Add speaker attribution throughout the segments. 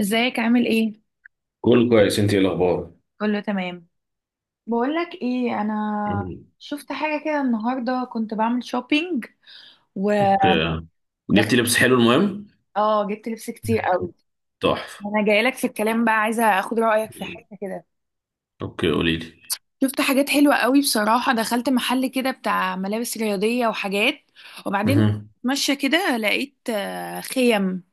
Speaker 1: ازيك، عامل ايه؟
Speaker 2: كله كويس، انت ايه الاخبار؟
Speaker 1: كله تمام. بقولك ايه، انا
Speaker 2: مم.
Speaker 1: شفت حاجه كده النهارده، كنت بعمل شوبينج ودخلت.
Speaker 2: اوكي. جبتي لبس حلو؟ المهم،
Speaker 1: اه، جبت لبس كتير قوي.
Speaker 2: تحفة.
Speaker 1: انا جايلك في الكلام بقى، عايزه اخد رايك في
Speaker 2: مم.
Speaker 1: حاجه كده.
Speaker 2: اوكي، قولي لي.
Speaker 1: شفت حاجات حلوه قوي بصراحه، دخلت محل كده بتاع ملابس رياضيه وحاجات، وبعدين
Speaker 2: مهم.
Speaker 1: ماشيه كده لقيت خيم،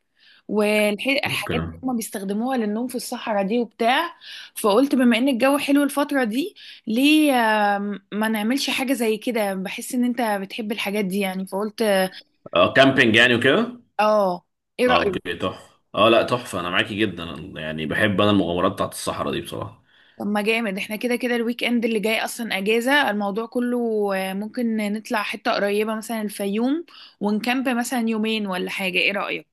Speaker 2: اوكي.
Speaker 1: والحاجات اللي هما بيستخدموها للنوم في الصحراء دي وبتاع. فقلت بما ان الجو حلو الفترة دي، ليه ما نعملش حاجة زي كده؟ بحس ان انت بتحب الحاجات دي يعني، فقلت.
Speaker 2: اه كامبينج يعني وكده.
Speaker 1: اه، ايه
Speaker 2: اه
Speaker 1: رأيك؟
Speaker 2: اوكي، تحفة. اه لا، تحفة. انا معاكي جدا. يعني بحب انا المغامرات بتاعت الصحراء دي بصراحة.
Speaker 1: طب ما جامد، احنا كده كده الويك اند اللي جاي اصلا اجازة الموضوع كله، ممكن نطلع حتة قريبة مثلا الفيوم، ونكامب مثلا يومين ولا حاجة. ايه رأيك؟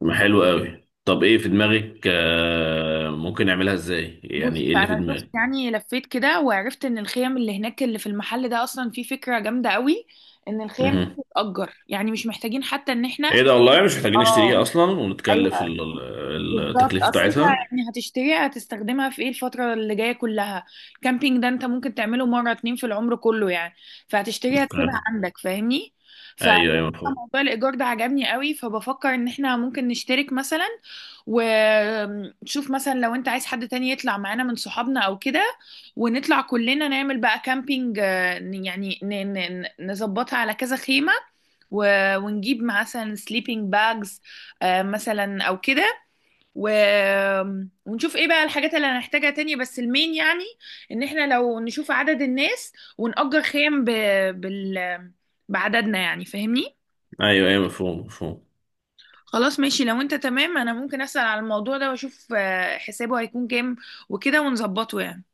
Speaker 2: ما حلو قوي. طب ايه في دماغك؟ آه ممكن نعملها ازاي يعني؟
Speaker 1: بص،
Speaker 2: ايه اللي في
Speaker 1: انا شفت
Speaker 2: دماغك؟
Speaker 1: يعني لفيت كده، وعرفت ان الخيم اللي هناك اللي في المحل ده، اصلا في فكره جامده قوي، ان الخيم دي
Speaker 2: مهم.
Speaker 1: بتتأجر، يعني مش محتاجين حتى ان احنا.
Speaker 2: ايه ده؟ والله مش محتاجين
Speaker 1: اه،
Speaker 2: نشتريها اصلا
Speaker 1: ايوه.
Speaker 2: ونتكلف
Speaker 1: بالظبط،
Speaker 2: التكلفة
Speaker 1: اصل انت
Speaker 2: بتاعتها.
Speaker 1: يعني هتشتريها، هتستخدمها في ايه الفتره اللي جايه كلها؟ كامبينج ده انت ممكن تعمله مره اتنين في العمر كله يعني، فهتشتريها
Speaker 2: اوكي.
Speaker 1: تسيبها عندك، فاهمني. ف
Speaker 2: ايوه ايوه مفهوم.
Speaker 1: موضوع الايجار ده عجبني قوي، فبفكر ان احنا ممكن نشترك مثلا، ونشوف مثلا لو انت عايز حد تاني يطلع معانا من صحابنا او كده، ونطلع كلنا نعمل بقى كامبينج. يعني نظبطها على كذا خيمه، ونجيب مثلا سليبنج باجز مثلا او كده، و... ونشوف ايه بقى الحاجات اللي هنحتاجها تاني، بس المين يعني، ان احنا لو نشوف عدد الناس ونأجر خيم بال... بعددنا يعني، فاهمني.
Speaker 2: ايوه ايوه مفهوم مفهوم.
Speaker 1: خلاص ماشي، لو انت تمام انا ممكن اسأل على الموضوع ده واشوف حسابه هيكون كام وكده، ونظبطه يعني.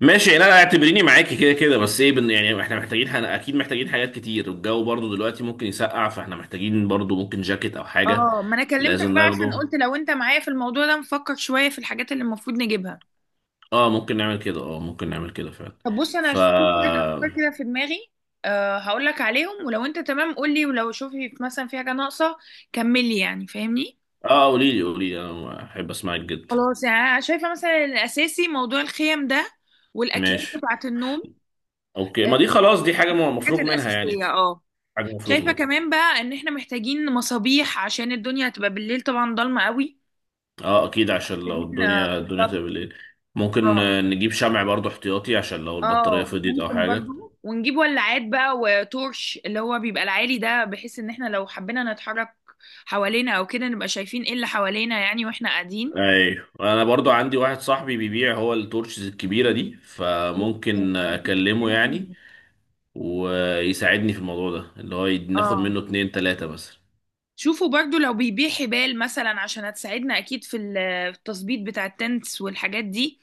Speaker 2: ماشي، يعني انا اعتبريني معاكي كده كده. بس ايه؟ يعني احنا محتاجين، اكيد محتاجين حاجات كتير. الجو برضو دلوقتي ممكن يسقع، فاحنا محتاجين برضو، ممكن جاكيت او حاجة.
Speaker 1: اه، ما انا كلمتك
Speaker 2: لازم
Speaker 1: بقى عشان
Speaker 2: ناخده.
Speaker 1: قلت لو انت معايا في الموضوع ده، نفكر شوية في الحاجات اللي المفروض نجيبها.
Speaker 2: اه ممكن نعمل كده، اه ممكن نعمل كده فعلا.
Speaker 1: طب بص، انا
Speaker 2: ف
Speaker 1: شفت شوية افكار كده في دماغي، هقول لك عليهم، ولو انت تمام قول لي، ولو شوفي مثلا في حاجة ناقصة كملي يعني، فاهمني.
Speaker 2: اه قولي لي، قولي لي، انا احب اسمعك جدا.
Speaker 1: خلاص، يعني انا شايفه مثلا الاساسي موضوع الخيم ده، والاكياس
Speaker 2: ماشي.
Speaker 1: بتاعه النوم.
Speaker 2: اوكي،
Speaker 1: آه،
Speaker 2: ما دي خلاص، دي حاجة
Speaker 1: دي الحاجات
Speaker 2: مفروغ منها يعني.
Speaker 1: الاساسيه، اه.
Speaker 2: حاجة مفروغ
Speaker 1: شايفه
Speaker 2: منها.
Speaker 1: كمان بقى ان احنا محتاجين مصابيح، عشان الدنيا هتبقى بالليل طبعا ضلمه قوي.
Speaker 2: اه اكيد، عشان لو
Speaker 1: محتاجين،
Speaker 2: الدنيا
Speaker 1: بالظبط.
Speaker 2: تبقى بالليل. ممكن
Speaker 1: اه،
Speaker 2: نجيب شمع برضو احتياطي عشان لو البطارية
Speaker 1: اه،
Speaker 2: فضيت او
Speaker 1: ممكن
Speaker 2: حاجة.
Speaker 1: برضه ونجيب ولاعات بقى وتورش، اللي هو بيبقى العالي ده، بحيث ان احنا لو حبينا نتحرك حوالينا او كده، نبقى شايفين ايه اللي حوالينا يعني واحنا قاعدين.
Speaker 2: ايوه، انا برضو عندي واحد صاحبي بيبيع هو التورشز الكبيره دي، فممكن اكلمه يعني ويساعدني في الموضوع ده، اللي هو ناخد
Speaker 1: اه،
Speaker 2: منه اتنين تلاته بس.
Speaker 1: شوفوا برضو لو بيبيع حبال مثلا، عشان هتساعدنا اكيد في في التظبيط بتاع التنس والحاجات دي.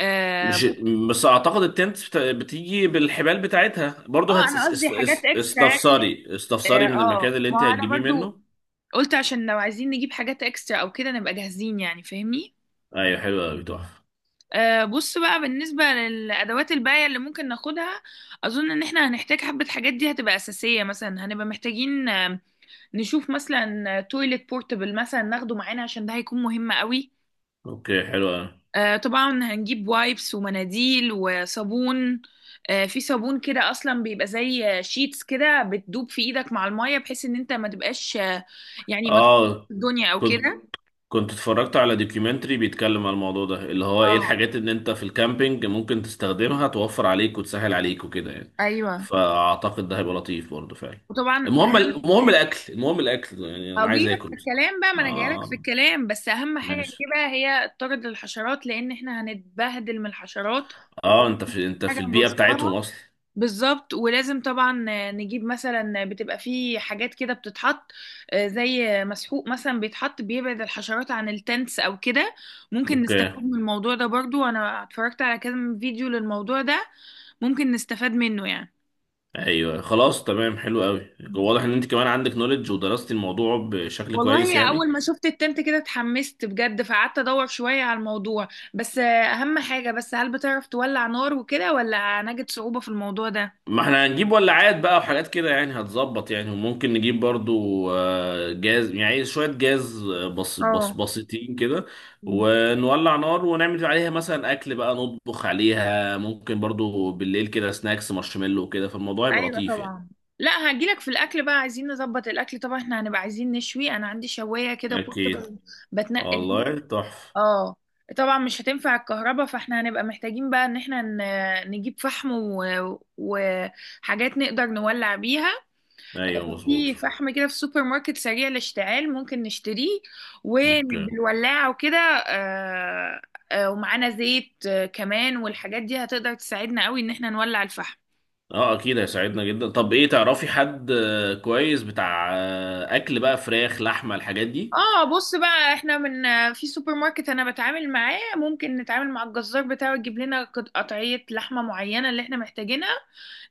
Speaker 1: اه،
Speaker 2: مش بس اعتقد التنت بتيجي بالحبال بتاعتها برضو. هت...
Speaker 1: انا
Speaker 2: اس-
Speaker 1: قصدي
Speaker 2: اس-
Speaker 1: حاجات
Speaker 2: اس-
Speaker 1: اكسترا يعني.
Speaker 2: استفساري
Speaker 1: اه،
Speaker 2: استفساري من المكان اللي
Speaker 1: ما
Speaker 2: انت
Speaker 1: هو انا
Speaker 2: هتجيبيه
Speaker 1: برضو
Speaker 2: منه.
Speaker 1: قلت عشان لو عايزين نجيب حاجات اكسترا او كده، نبقى جاهزين يعني، فاهمني.
Speaker 2: ايوه حلو قوي تحفه.
Speaker 1: آه، بص بقى، بالنسبة للأدوات الباية اللي ممكن ناخدها، أظن إن إحنا هنحتاج حبة حاجات. دي هتبقى أساسية مثلا، هنبقى محتاجين نشوف مثلا تويلت بورتبل مثلا ناخده معانا، عشان ده هيكون مهم قوي.
Speaker 2: اوكي حلو أوي.
Speaker 1: طبعا هنجيب وايبس ومناديل وصابون. في صابون كده اصلا بيبقى زي شيتس كده، بتدوب في ايدك مع المية، بحيث ان انت ما تبقاش يعني ما تطلعش
Speaker 2: اه
Speaker 1: الدنيا او
Speaker 2: كنت
Speaker 1: كده.
Speaker 2: كنت اتفرجت على دوكيومنتري بيتكلم على الموضوع ده، اللي هو ايه
Speaker 1: اه،
Speaker 2: الحاجات ان انت في الكامبينج ممكن تستخدمها، توفر عليك وتسهل عليك وكده يعني.
Speaker 1: ايوه.
Speaker 2: فاعتقد ده هيبقى لطيف برضه فعلا.
Speaker 1: وطبعا
Speaker 2: المهم،
Speaker 1: اهم،
Speaker 2: المهم الاكل، المهم الاكل يعني. انا عايز
Speaker 1: هجيلك
Speaker 2: اكل
Speaker 1: في
Speaker 2: بصراحه.
Speaker 1: الكلام بقى، ما انا جايلك في
Speaker 2: اه
Speaker 1: الكلام، بس اهم حاجه
Speaker 2: ماشي.
Speaker 1: نجيبها هي الطرد للحشرات، لان احنا هنتبهدل من الحشرات.
Speaker 2: اه انت في انت
Speaker 1: حاجه
Speaker 2: في البيئه بتاعتهم
Speaker 1: نرشها،
Speaker 2: اصلا.
Speaker 1: بالظبط. ولازم طبعا نجيب مثلا، بتبقى في حاجات كده بتتحط، زي مسحوق مثلا بيتحط بيبعد الحشرات عن التنس او كده. ممكن نستفاد
Speaker 2: اوكي.
Speaker 1: من الموضوع ده برضو، انا اتفرجت على كذا فيديو للموضوع ده، ممكن نستفاد منه يعني.
Speaker 2: ايوه خلاص تمام، حلو قوي. واضح ان انت كمان عندك نوليدج ودرستي الموضوع بشكل كويس
Speaker 1: والله
Speaker 2: يعني.
Speaker 1: اول ما شفت التنت كده اتحمست بجد، فقعدت ادور شوية على الموضوع، بس اهم حاجة بس، هل بتعرف تولع نار وكده ولا هنجد صعوبة في الموضوع ده؟
Speaker 2: ما احنا هنجيب ولاعات بقى وحاجات كده يعني هتظبط يعني. وممكن نجيب برضو جاز، يعني شوية جاز، بس بس
Speaker 1: اه،
Speaker 2: بسيطين كده. ونولع نار ونعمل عليها مثلا أكل بقى، نطبخ عليها. ممكن برضو بالليل كده سناكس مارشميلو وكده، فالموضوع يبقى
Speaker 1: ايوه
Speaker 2: لطيف يعني.
Speaker 1: طبعا. لا، هجيلك في الاكل بقى. عايزين نظبط الاكل طبعا، احنا هنبقى عايزين نشوي. انا عندي شوايه كده
Speaker 2: أكيد.
Speaker 1: بورتبل بتنقل بيها.
Speaker 2: والله تحفة.
Speaker 1: اه، طبعا مش هتنفع الكهرباء، فاحنا هنبقى محتاجين بقى ان احنا نجيب فحم وحاجات نقدر نولع بيها.
Speaker 2: أيوه مظبوط.
Speaker 1: في فحم كده في سوبر ماركت سريع الاشتعال، ممكن نشتريه
Speaker 2: اوكي.
Speaker 1: وبالولاعه وكده. آه، ومعانا زيت كمان، والحاجات دي هتقدر تساعدنا قوي ان احنا نولع الفحم.
Speaker 2: اه اكيد هيساعدنا جدا. طب ايه، تعرفي حد كويس بتاع اكل بقى، فراخ لحمه الحاجات دي؟
Speaker 1: اه، بص بقى، احنا في سوبر ماركت انا بتعامل معاه، ممكن نتعامل مع الجزار بتاعه، يجيب لنا قطعية لحمة معينة اللي احنا محتاجينها.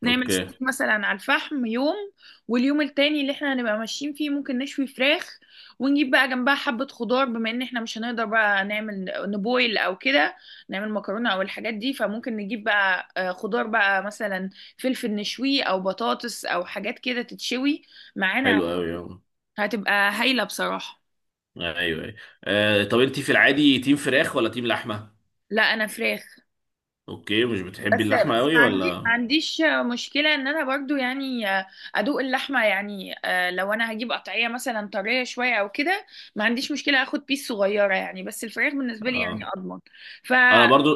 Speaker 1: نعمل
Speaker 2: اوكي
Speaker 1: ستيك مثلا على الفحم يوم، واليوم التاني اللي احنا هنبقى ماشيين فيه ممكن نشوي فراخ، ونجيب بقى جنبها حبة خضار، بما ان احنا مش هنقدر بقى نعمل نبويل او كده نعمل مكرونة او الحاجات دي، فممكن نجيب بقى خضار بقى مثلا، فلفل نشويه او بطاطس او حاجات كده تتشوي معانا،
Speaker 2: حلو قوي.
Speaker 1: هتبقى هايلة بصراحة.
Speaker 2: ايوه ايوه. آه طب انت في العادي تيم فراخ ولا تيم لحمه؟
Speaker 1: لا، انا فراخ.
Speaker 2: اوكي، مش
Speaker 1: بس
Speaker 2: بتحبي اللحمه
Speaker 1: بس
Speaker 2: قوي
Speaker 1: ما عندي ما
Speaker 2: ولا؟
Speaker 1: عنديش مشكله، ان انا برضو يعني ادوق اللحمه يعني، لو انا هجيب قطعيه مثلا طريه شويه او كده، ما عنديش مشكله اخد بيس صغيره يعني، بس الفراخ بالنسبه لي يعني
Speaker 2: اه
Speaker 1: اضمن. ف
Speaker 2: انا برضو.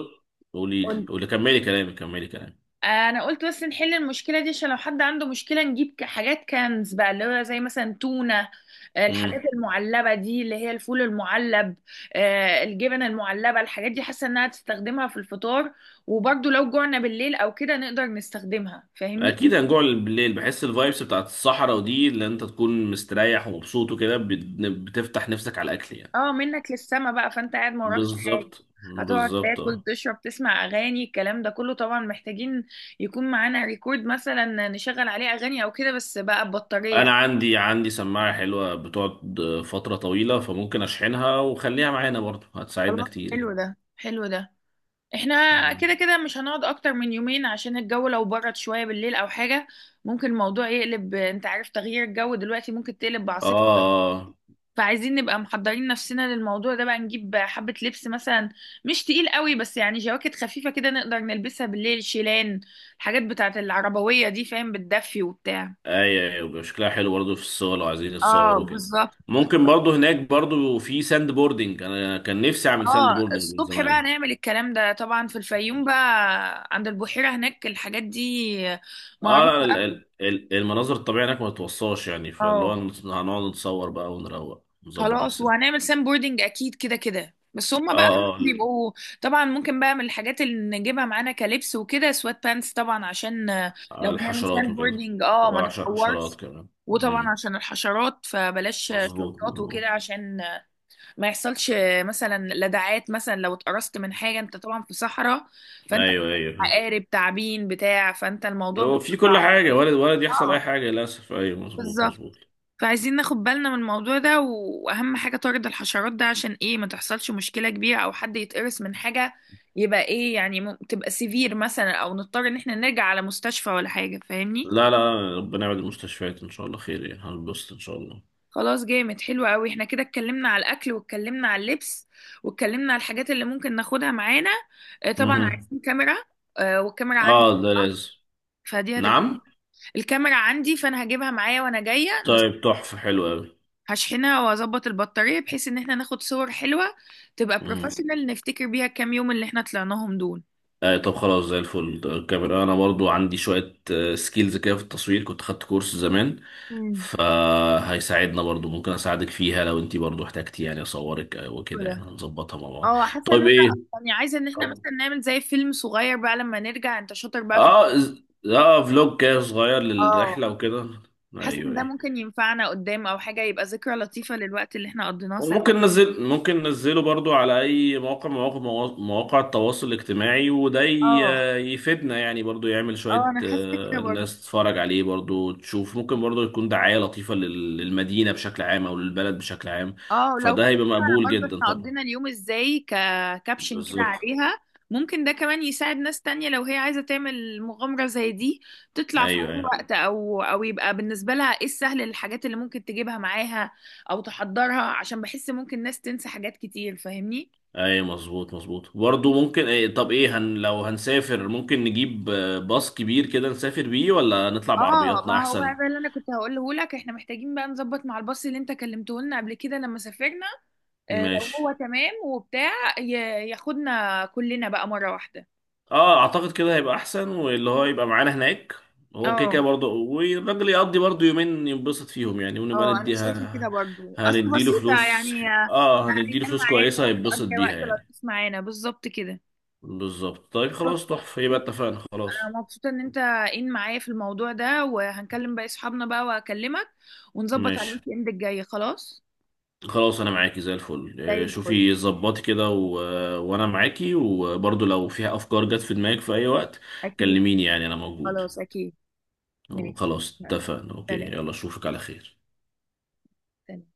Speaker 2: قولي لي، قولي، كملي كلامي، كملي كلامي.
Speaker 1: انا قلت بس نحل المشكله دي، عشان لو حد عنده مشكله، نجيب حاجات كنز بقى، اللي هو زي مثلا تونه، الحاجات
Speaker 2: امم.
Speaker 1: المعلبه دي اللي هي الفول المعلب، الجبن المعلبه. الحاجات دي حاسه انها تستخدمها في الفطار، وبرده لو جوعنا بالليل او كده نقدر نستخدمها، فاهمني.
Speaker 2: اكيد هنجوع بالليل، بحس الفايبس بتاعت الصحراء ودي، اللي انت تكون مستريح ومبسوط وكده، بتفتح نفسك على الاكل يعني.
Speaker 1: اه، منك للسما بقى، فانت قاعد ما وراكش حاجه،
Speaker 2: بالظبط
Speaker 1: هتقعد
Speaker 2: بالظبط
Speaker 1: تاكل
Speaker 2: اه.
Speaker 1: تشرب تسمع اغاني، الكلام ده كله. طبعا محتاجين يكون معانا ريكورد مثلا نشغل عليه اغاني او كده، بس بقى ببطاريه.
Speaker 2: انا عندي سماعه حلوه، بتقعد فتره طويله، فممكن اشحنها وخليها معانا برضو، هتساعدنا
Speaker 1: خلاص،
Speaker 2: كتير يعني.
Speaker 1: حلو ده، حلو ده. احنا
Speaker 2: مم.
Speaker 1: كده كده مش هنقعد اكتر من يومين، عشان الجو لو برد شوية بالليل او حاجة، ممكن الموضوع يقلب. انت عارف تغيير الجو دلوقتي ممكن تقلب بعاصفة،
Speaker 2: اه
Speaker 1: فعايزين نبقى محضرين نفسنا للموضوع ده بقى. نجيب حبة لبس مثلا مش تقيل قوي، بس يعني جواكت خفيفة كده نقدر نلبسها بالليل، شيلان، الحاجات بتاعت العربوية دي، فاهم؟ بتدفي وبتاع.
Speaker 2: ايوه، ايوه بيبقى شكلها حلو برضه في الصور لو عايزين نتصور
Speaker 1: اه،
Speaker 2: وكده.
Speaker 1: بالظبط.
Speaker 2: ممكن برضه هناك برضه في ساند بوردنج، انا كان نفسي اعمل ساند
Speaker 1: اه،
Speaker 2: بوردنج من
Speaker 1: الصبح بقى
Speaker 2: زمان.
Speaker 1: نعمل الكلام ده طبعا في الفيوم بقى عند البحيرة، هناك الحاجات دي
Speaker 2: اه
Speaker 1: معروفة
Speaker 2: لا،
Speaker 1: قوي.
Speaker 2: المناظر الطبيعية هناك ما تتوصاش يعني. فاللي هو
Speaker 1: اه،
Speaker 2: هنقعد نتصور بقى ونروق، نظبط
Speaker 1: خلاص،
Speaker 2: نفسنا.
Speaker 1: وهنعمل سام بوردنج اكيد كده كده، بس هما بقى خلاص
Speaker 2: اه.
Speaker 1: بيبقوا. طبعا ممكن بقى من الحاجات اللي نجيبها معانا كلبس وكده سوات بانس، طبعا عشان
Speaker 2: اه
Speaker 1: لو هنعمل
Speaker 2: الحشرات
Speaker 1: سام
Speaker 2: وكده.
Speaker 1: بوردنج اه ما
Speaker 2: وعشر حشرات
Speaker 1: نتطورش.
Speaker 2: كمان.
Speaker 1: وطبعا
Speaker 2: مم.
Speaker 1: عشان الحشرات، فبلاش
Speaker 2: مظبوط
Speaker 1: شورتات
Speaker 2: مظبوط.
Speaker 1: وكده، عشان ما يحصلش مثلا لدغات، مثلا لو اتقرصت من حاجة. انت طبعا في صحراء، فانت
Speaker 2: ايوه ايوه،
Speaker 1: عقارب تعابين بتاع، فانت الموضوع
Speaker 2: لو في كل حاجة ولد يحصل اي
Speaker 1: اه،
Speaker 2: حاجة للاسف. ايوه مظبوط
Speaker 1: بالظبط.
Speaker 2: مظبوط.
Speaker 1: فعايزين ناخد بالنا من الموضوع ده، واهم حاجة طارد الحشرات ده، عشان ايه ما تحصلش مشكلة كبيرة او حد يتقرص من حاجة يبقى ايه يعني، تبقى سيفير مثلا، او نضطر ان احنا نرجع على مستشفى ولا حاجة، فاهمني.
Speaker 2: لا لا، ربنا يبعد المستشفيات، ان شاء الله خير، يعني هنبسط ان شاء الله.
Speaker 1: خلاص، جامد، حلو قوي. احنا كده اتكلمنا على الاكل، واتكلمنا على اللبس، واتكلمنا على الحاجات اللي ممكن ناخدها معانا. طبعا
Speaker 2: مهم.
Speaker 1: عايزين كاميرا. والكاميرا عندي،
Speaker 2: اه ده لازم.
Speaker 1: فدي هتبقى.
Speaker 2: نعم.
Speaker 1: الكاميرا عندي، فانا هجيبها معايا وانا جاية.
Speaker 2: طيب تحفة، حلو قوي.
Speaker 1: هشحنها واظبط البطارية، بحيث ان احنا ناخد صور حلوة تبقى
Speaker 2: مهم.
Speaker 1: بروفيشنال، نفتكر بيها الكام يوم اللي احنا طلعناهم دول.
Speaker 2: آه طب خلاص زي الفل. ده الكاميرا انا برضو عندي شوية سكيلز كده في التصوير، كنت خدت كورس زمان.
Speaker 1: مم.
Speaker 2: فهيساعدنا برضو. ممكن اساعدك فيها لو انتي برضو احتاجتي، يعني اصورك وكده، يعني
Speaker 1: كده.
Speaker 2: هنظبطها مع بعض.
Speaker 1: اه، حاسة ان
Speaker 2: طيب
Speaker 1: انا
Speaker 2: ايه؟
Speaker 1: يعني عايزة ان احنا
Speaker 2: طب
Speaker 1: مثلا نعمل زي فيلم صغير بقى لما نرجع، انت شاطر بقى في
Speaker 2: اه فلوج كده صغير
Speaker 1: الحوار ده. اه،
Speaker 2: للرحلة وكده.
Speaker 1: حاسة ان
Speaker 2: ايوه
Speaker 1: ده
Speaker 2: ايوه.
Speaker 1: ممكن ينفعنا قدام او حاجة، يبقى ذكرى لطيفة للوقت اللي احنا قضيناه سوا.
Speaker 2: وممكن ننزل، ممكن ننزله برضو على اي موقع، مواقع التواصل الاجتماعي، وده
Speaker 1: اه،
Speaker 2: يفيدنا يعني برضو. يعمل
Speaker 1: اه،
Speaker 2: شوية
Speaker 1: انا حاسه كده برضه.
Speaker 2: الناس تتفرج عليه برضو، تشوف ممكن برضو يكون دعاية لطيفة للمدينة بشكل عام، او للبلد بشكل عام.
Speaker 1: اه، لو
Speaker 2: فده
Speaker 1: برضه
Speaker 2: هيبقى مقبول جدا
Speaker 1: احنا
Speaker 2: طبعا.
Speaker 1: قضينا اليوم ازاي ككابشن كده
Speaker 2: بالظبط.
Speaker 1: عليها، ممكن ده كمان يساعد ناس تانية لو هي عايزة تعمل مغامرة زي دي، تطلع في
Speaker 2: ايوه
Speaker 1: أي
Speaker 2: ايوه.
Speaker 1: وقت، أو يبقى بالنسبة لها إيه السهل، الحاجات اللي ممكن تجيبها معاها أو تحضرها، عشان بحس ممكن ناس تنسى حاجات كتير، فاهمني؟
Speaker 2: ايوه مظبوط مظبوط برضو. ممكن إيه؟ طب ايه، لو هنسافر ممكن نجيب باص كبير كده نسافر بيه، ولا نطلع
Speaker 1: اه،
Speaker 2: بعربياتنا
Speaker 1: ما هو بقى
Speaker 2: احسن؟
Speaker 1: ده اللي انا كنت هقوله لك. احنا محتاجين بقى نظبط مع الباص اللي انت كلمته لنا قبل كده لما سافرنا، لو هو
Speaker 2: ماشي.
Speaker 1: تمام وبتاع، ياخدنا كلنا بقى مرة واحدة.
Speaker 2: اه اعتقد كده هيبقى احسن، واللي هو يبقى معانا هناك هو كده كده
Speaker 1: اه،
Speaker 2: برضه، والراجل يقضي برضه يومين ينبسط فيهم يعني، ونبقى
Speaker 1: اه، انا شايفه كده
Speaker 2: نديها.
Speaker 1: برضو، اصل
Speaker 2: هنديله
Speaker 1: بسيطه
Speaker 2: فلوس.
Speaker 1: يعني،
Speaker 2: اه هنديله
Speaker 1: هينام
Speaker 2: فلوس
Speaker 1: معانا،
Speaker 2: كويسة، هيتبسط
Speaker 1: هتقضي وقت
Speaker 2: بيها يعني.
Speaker 1: لطيف معانا، بالظبط كده.
Speaker 2: بالظبط. طيب خلاص تحفة، يبقى اتفقنا خلاص.
Speaker 1: انا مبسوطه ان معايا في الموضوع ده، وهنكلم باقي صحابنا بقى، وهكلمك ونظبط على
Speaker 2: ماشي.
Speaker 1: الويك اند الجاي. خلاص،
Speaker 2: خلاص انا معاكي زي الفل.
Speaker 1: زي الفل.
Speaker 2: شوفي ظبطي كده وانا معاكي، وبرضه لو فيها افكار جت في دماغك في اي وقت
Speaker 1: اكيد.
Speaker 2: كلميني، يعني انا موجود.
Speaker 1: خلاص، اكيد، ماشي.
Speaker 2: خلاص
Speaker 1: يلا،
Speaker 2: اتفقنا. اوكي
Speaker 1: سلام.
Speaker 2: يلا، اشوفك على خير.
Speaker 1: سلام.